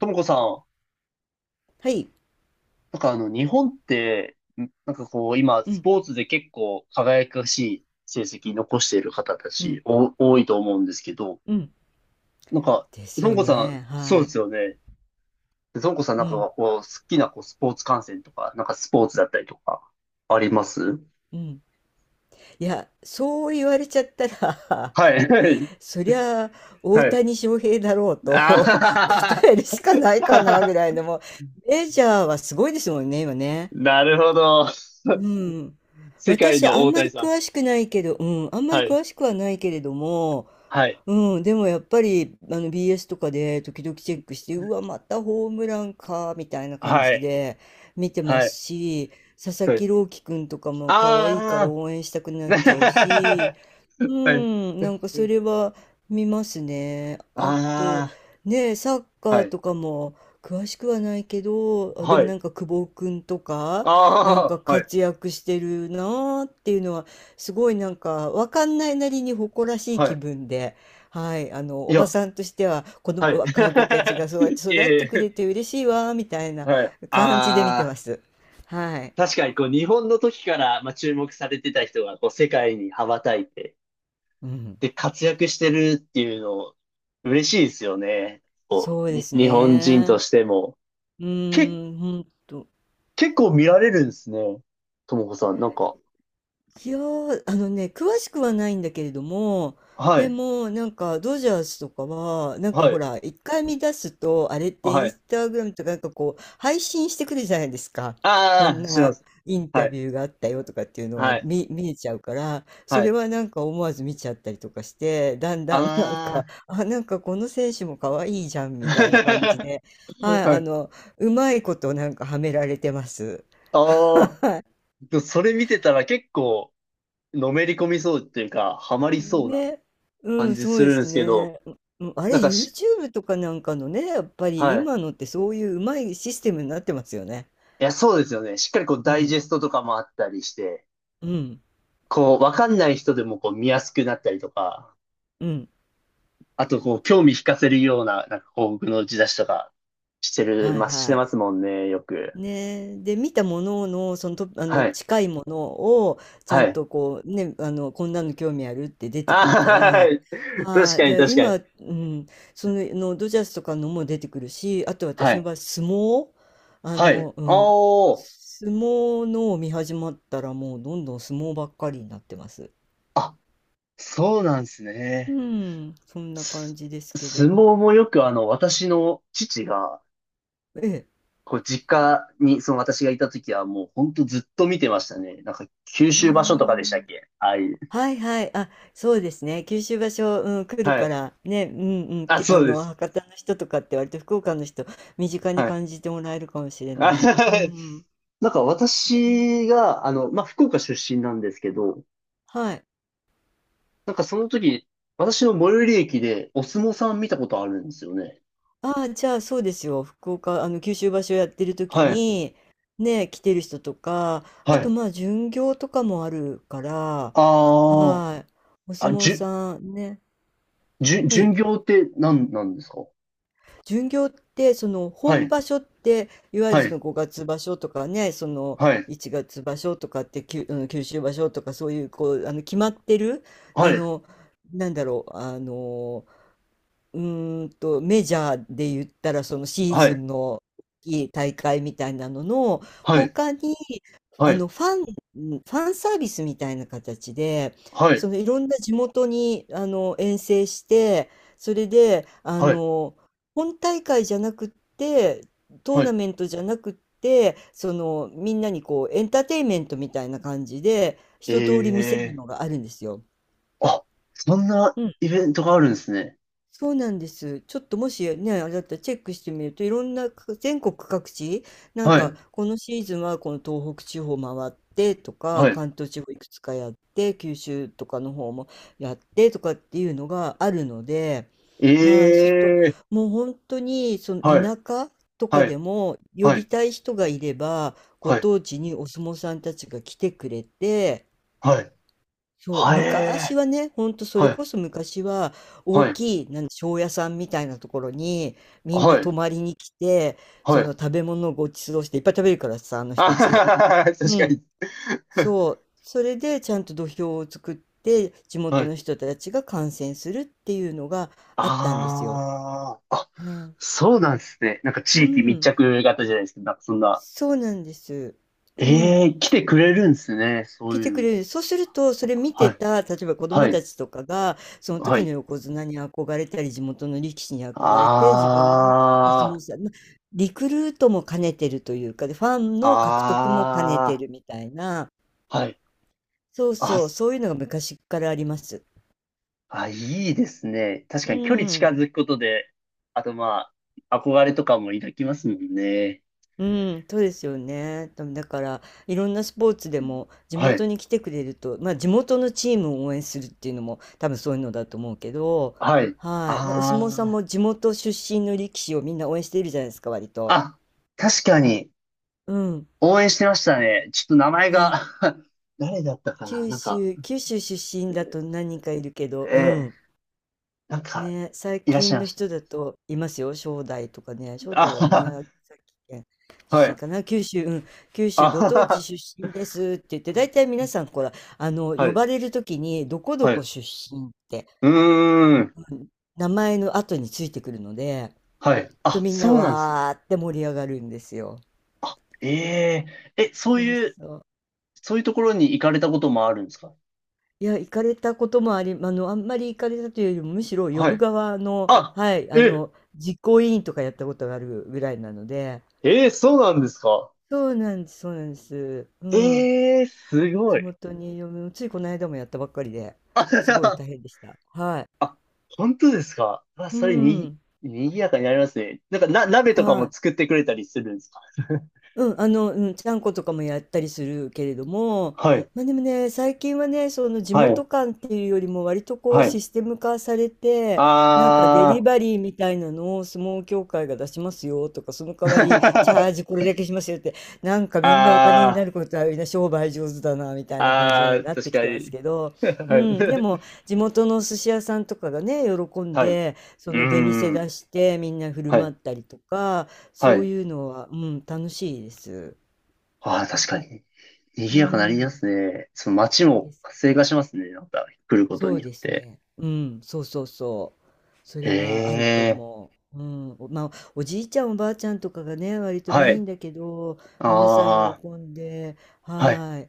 ともこさん、はい。なんか日本って、なんかこう、今、うスん、ポーツで結構輝かしい成績残している方たうち、ん、多いと思うんですけど、うん。なんか、でとすもよこさん、ね。そはうでい。すよね。でともこさんなうんかん、はこう、好きなこうスポーツ観戦とか、なんかスポーツだったりとか、あります？うん。いや、そう言われちゃったら、はい、はい、そりゃ、大はい。谷翔平だろうと あ は答えるしかないかはな、ぐは らいのもう、メジャーはすごいですもんね、今 ね。なるほど。うん。世界私、のあん大ま谷りさん。詳しくないけど、うん、あんまはりい、詳しくはないけれども、はい、うん、でもやっぱりあの BS とかで時々チェックしてうわまたホームランかみたいな感はじい、で見てまはすい。し、佐々は木い、朗希くんとかも可愛いからああ。応援したくなっちゃうし、う はい。んなんかそれは見ますね。あとあねえ、サッあ、カはーい。とかも詳しくはないけど、あではもない。んか久保くんとかなんかああ、はい。活躍してるなーっていうのはすごい、なんかわかんないなりに誇らしいは気い。分で。はい、あの、いおばや、さんとしては、子は供、い。若い子たちがそうやって 育っえてくえ、れて嬉しいわ、みたいなはい。感じで見あてあ、ます。はい。確かにこう日本の時から、まあ、注目されてた人がこう世界に羽ばたいて、うん。で、活躍してるっていうの、嬉しいですよね。こそうう、です日本人とね。しても。うけ、ーん、本当、結構見られるんですね。ともこさん、なんか。いやー、あのね、詳しくはないんだけれども、はでい。も、なんか、ドジャースとかは、なんかはほい。ら、一回見出すと、あれってイはンい。スタグラムとか、なんかこう、配信してくるじゃないですか。こあんあ、しまなす。インはタい。ビューがあったよとかっていうのがはい。見えちゃうから、そはれい。はなんか思わず見ちゃったりとかして、だんだんなんか、ああ、なんかこの選手も可愛いじゃんあ。みたいな感じ で、はい、はあい。の、うまいことなんかはめられてます。ああ。でもそれ見てたら結構、のめり込みそうっていうか、ハマりそうなね、う感ん、じそうすでるんですすけど、ね。ううん、あれ、なんかYouTube とかなんかのね、やっぱりはい。今いのってそういううまいシステムになってますよね。や、そうですよね。しっかりこう、うダイん、ジェストとかもあったりして、うん、こう、わかんない人でもこう、見やすくなったりとか、うん。あとこう、興味引かせるような、なんかこう、僕の打ち出しとか、してる、はいま、してはい。ますもんね、よく。ねえ、で見たものの、その、あはのい。近いものをちゃはんい。とこうね、あのこんなの興味あるって出てくるかあー、はら、い。確はかい、に、で確かに。今、うん、その、のドジャースとかのも出てくるし、あとは私のい。場合相撲、あはい。の、うん、あ相撲のを見始まったらもうどんどん相撲ばっかりになってます。あ。そうなんですうね。ん、そんな感すじですけ相ど。撲もよく私の父が、ええ。こう、実家に、その私がいた時はもうほんとずっと見てましたね。なんか、九州場所とかでしたっあ。け、ああいう。はいはい。あ、そうですね。九州場所、うん、来るはかい。ら、ね、うんうん、あ、きあそうでの、す。博多の人とかって割と福岡の人、身近にはい。感じてもらえるかもしれあ ない。う ん。なんかね。私が、まあ、福岡出身なんですけど、はい。なんかその時、私の最寄り駅でお相撲さん見たことあるんですよね。ああ、じゃあそうですよ。福岡、あの、九州場所やってる時はい。に、ね、来てる人とか、はあとい。まあ、巡業とかもあるから、あはい。おあ、相あ、撲じゅ、さんね。じゅ、は巡い。業って何なんですか？巡業ってそのは本い。場所っていわゆはるそい。の5月場所とかね、そのはい、1月場所とかって、きゅあの九州場所とか、そういうこうあの決まってるはあい、のなんだろう、あの、うメジャーで言ったら、そのシーはズい、ンのいい大会みたいなのの、はい、他に、はあい、の、ファンサービスみたいな形で、はい、そのいろんな地元に、あの、遠征して、それで、あはい、の、本大会じゃなくって、トーはナい。メントじゃなくって、その、みんなにこう、エンターテインメントみたいな感じで、一通り見せるええのがあるんですよ。ー、あ、そんなうん、イベントがあるんですね。そうなんです。ちょっともしね、あれだったらチェックしてみると、いろんなか全国各地、なんはかい、このシーズンはこの東北地方回ってとか、はい。関東地方いくつかやって、九州とかの方もやってとかっていうのがあるので、はい、そうえするとえもう本当にそのー、はい、田舎とかはでい、も呼はびい、たい人がいれば、ごはい、当地にお相撲さんたちが来てくれて、はい、そう、はい、昔えはね、ほんとそー、れはこい、そ昔は大はい、きい、庄屋さんみたいなところにみんなは泊い、まりに来て、はそい。の食べ物をご馳走していっぱい食べるからさ、あの人あたはち。ははは、う確かん。に。そう。それでちゃんと土俵を作って地は元い。の人たちが観戦するっていうのがあったんですよ。ああ、はい。そうなんですね。なんかう地域密ん。着型じゃないですけど、なんかそんな。そうなんです。うん。ええー、来てくれるんですね。そ聞いういてうくの。れる。そうすると、それ見はてい、た、例えば子は供い、たちとかが、そのは時のい。横綱に憧れたり、地元の力士に憧れて、自分もお相あ撲さん、ま、リクルートも兼ねてるというか、で、ファンの獲得あ、も兼ねてあるみたいな、あ、はい。そうあ、そう、そういうのが昔っからあります。あ、いいですね。確うかに距離ー近ん。づくことで、あとまあ、憧れとかも抱きますもんね。うん、そうですよね。でもだから、いろんなスポーツでも地はい。元に来てくれると、まあ地元のチームを応援するっていうのも多分そういうのだと思うけど、はい。はい。でお相撲さんあも地元出身の力士をみんな応援しているじゃないですか、割あ、と。あ、確かに、うん。応援してましたね。ちょっと名前はい。が 誰だったかな、九なんか、州、九州出身だと何人かいるけど、うえー、ん。なんか、ね、最いらっしゃ近いまのした人ね。だといますよ、正代とかね、正代はあ宮崎県はは は出身い。かな、九州、うん、九州あ ごは当地は、出身ですって言って、大体皆さん、ほら、あの、は呼い。ばれるときに、どこどはこい。出身って、うーん。うん、名前の後についてくるので、はい。とあ、みんなそうなんですね。わーって盛り上がるんですよ。あ、えええ、そうそういう、そう。そういうところに行かれたこともあるんですか？いや、行かれたこともあり、あの、あんまり行かれたというよりも、むしろ呼はぶい。側の、あ、はい、あえ、の、実行委員とかやったことがあるぐらいなので、そうなんですか？そうなんです、そうなんです。うん。ええ、すご地い。元に嫁も、ついこの間もやったばっかりで、あ、すごい大 変でした。はい。あ、本当ですか、あ、うそれに、ん。賑やかになりますね。なんか、鍋とかはもい。作ってくれたりするんですか？ うん、あの、うん、ちゃんことかもやったりするけれど も、はい、まあ、でもね、最近はね、その地はい、元感っていうよりも割とこうはい。システム化されて、なんかデリあー、バリーみたいなのを相撲協会が出しますよとか、その代わりチャージ これだけしますよって、なんかみんなお金あになー、ることはみんな商売上手だなみたいな感じのあにー、なっ確てきかてますに。けど、うはん、でい。も地元の寿司屋さんとかがね、喜んはい。うで、そーの出店ん。出してみんな振るは舞い。ったりとか、はそうい。いうのは、うん、楽しいです。ああ、確かに。賑うやかになりまん。すね。その街でもす。活性化しますね。なんか、来ることそうによっですて。ね。うん、そうそうそう。そへれはあるとえ。思う。うん、まあ、おじいちゃんおばあちゃんとかがね、割とはメイい。ンだけど、皆さんあ喜んで、あ、はい。はい。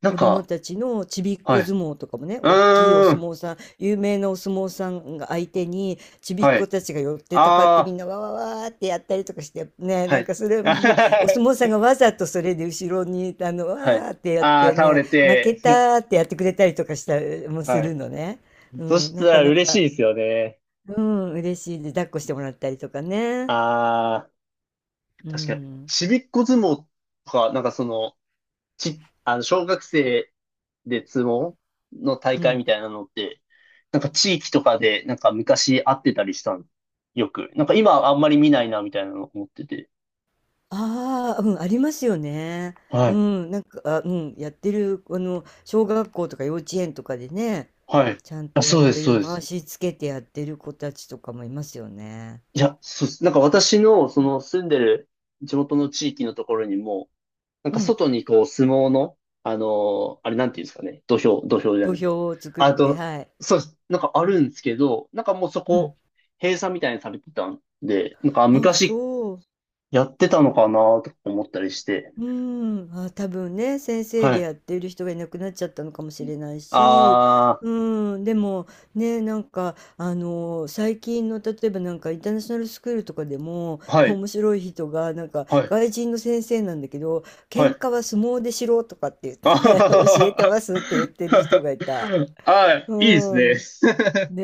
なん子供か、たちのちびっはこ相い。撲とかもね、おっきいおうー相ん。撲さん、有名なお相撲さんが相手に、ちびっはこい。たちが寄ってたかってみああ、んなわわわーってやったりとかして、ね、はなんい。かそれ で、あはねお相は、撲さんがわざとそれで後ろに、あの、わはい。ーってやっああ、て倒ね、れ負けて。たーってやってくれたりとかしたりもすはい。るのね。うそしん、たなからな嬉か、しいですよね。うん、嬉しいで、抱っこしてもらったりとかね。ああ、う確かに。ん、ちびっこ相撲とか、なんかその、ち、あの、小学生で相撲の大う会ん。みたいなのって、なんか地域とかで、なんか昔会ってたりしたの。よく。なんか今あんまり見ないな、みたいなの思ってて。ああ、うん、ありますよね。はうい。ん、なんか、あ、うん、やってる、あの、小学校とか幼稚園とかでね、はい。ちゃんあ、とやそうっです、てそうる、で回す。しつけてやってる子たちとかもいますよね。いや、そうです。なんか私の、その住んでる地元の地域のところにも、なんうかん、外にこう相撲の、あのあれなんていうんですかね。土俵、土俵じゃ土ない。俵を作っあて、と、はい。そうです。なんかあるんですけど、なんかもうそうん。こ、閉鎖みたいにされてたんで、なんかあ、昔そう。やってたのかなとか思ったりして。うーん、あ、多分ね、先生はでい。やっている人がいなくなっちゃったのかもしれないし、あうーん、でもね、なんか、あの、最近の例えばなんかインターナショナルスクールとかでも、ー、はい、面白い人が、なんかはい、外人の先生なんだけど、は喧い。嘩は相撲でしろとかって あはは言って 教はえてますって言ってる人は、がいた。あうー、いいーでん。すね。ね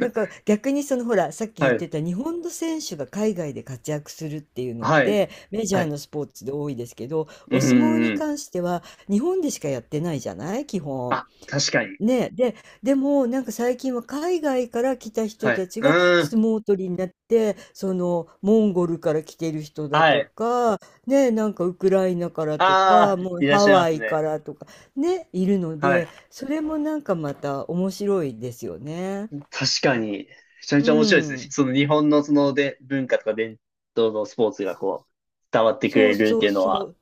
え、なんか逆にそのほらさっ きは言っい、てた日本の選手が海外で活躍するっていうのっはい、てメジはャーい。のスポーツで多いですけど、うお相撲ん、にうん。関しては日本でしかやってないじゃない、基本。あ、確かに。ねえ、で、でもなんか最近は海外から来た人はい。たちうがーん、相撲取りになって、そのモンゴルから来てる人だはとい。か、ねえなんかウクライナからとあかー、もういらっハしゃいまワすイかね。らとかね、いるのはでい。それもなんかまた面白いですよね。確かに。めちゃめうちゃ面白いですね。ん。その日本のそので文化とか伝統のスポーツがこう、伝わってくそれうるっそていううのそは、う。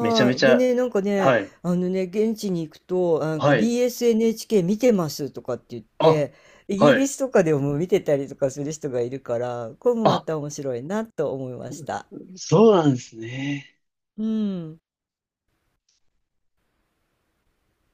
めちゃはめい。ちでゃ、ね、なんかね、はい、あのね、現地に行くと、なんか はい。BSNHK 見てますとかって言っあ、て、イギはリい。スとかでも見てたりとかする人がいるから、これもまあ、た面白いなと思いました。そうなんですね。うん。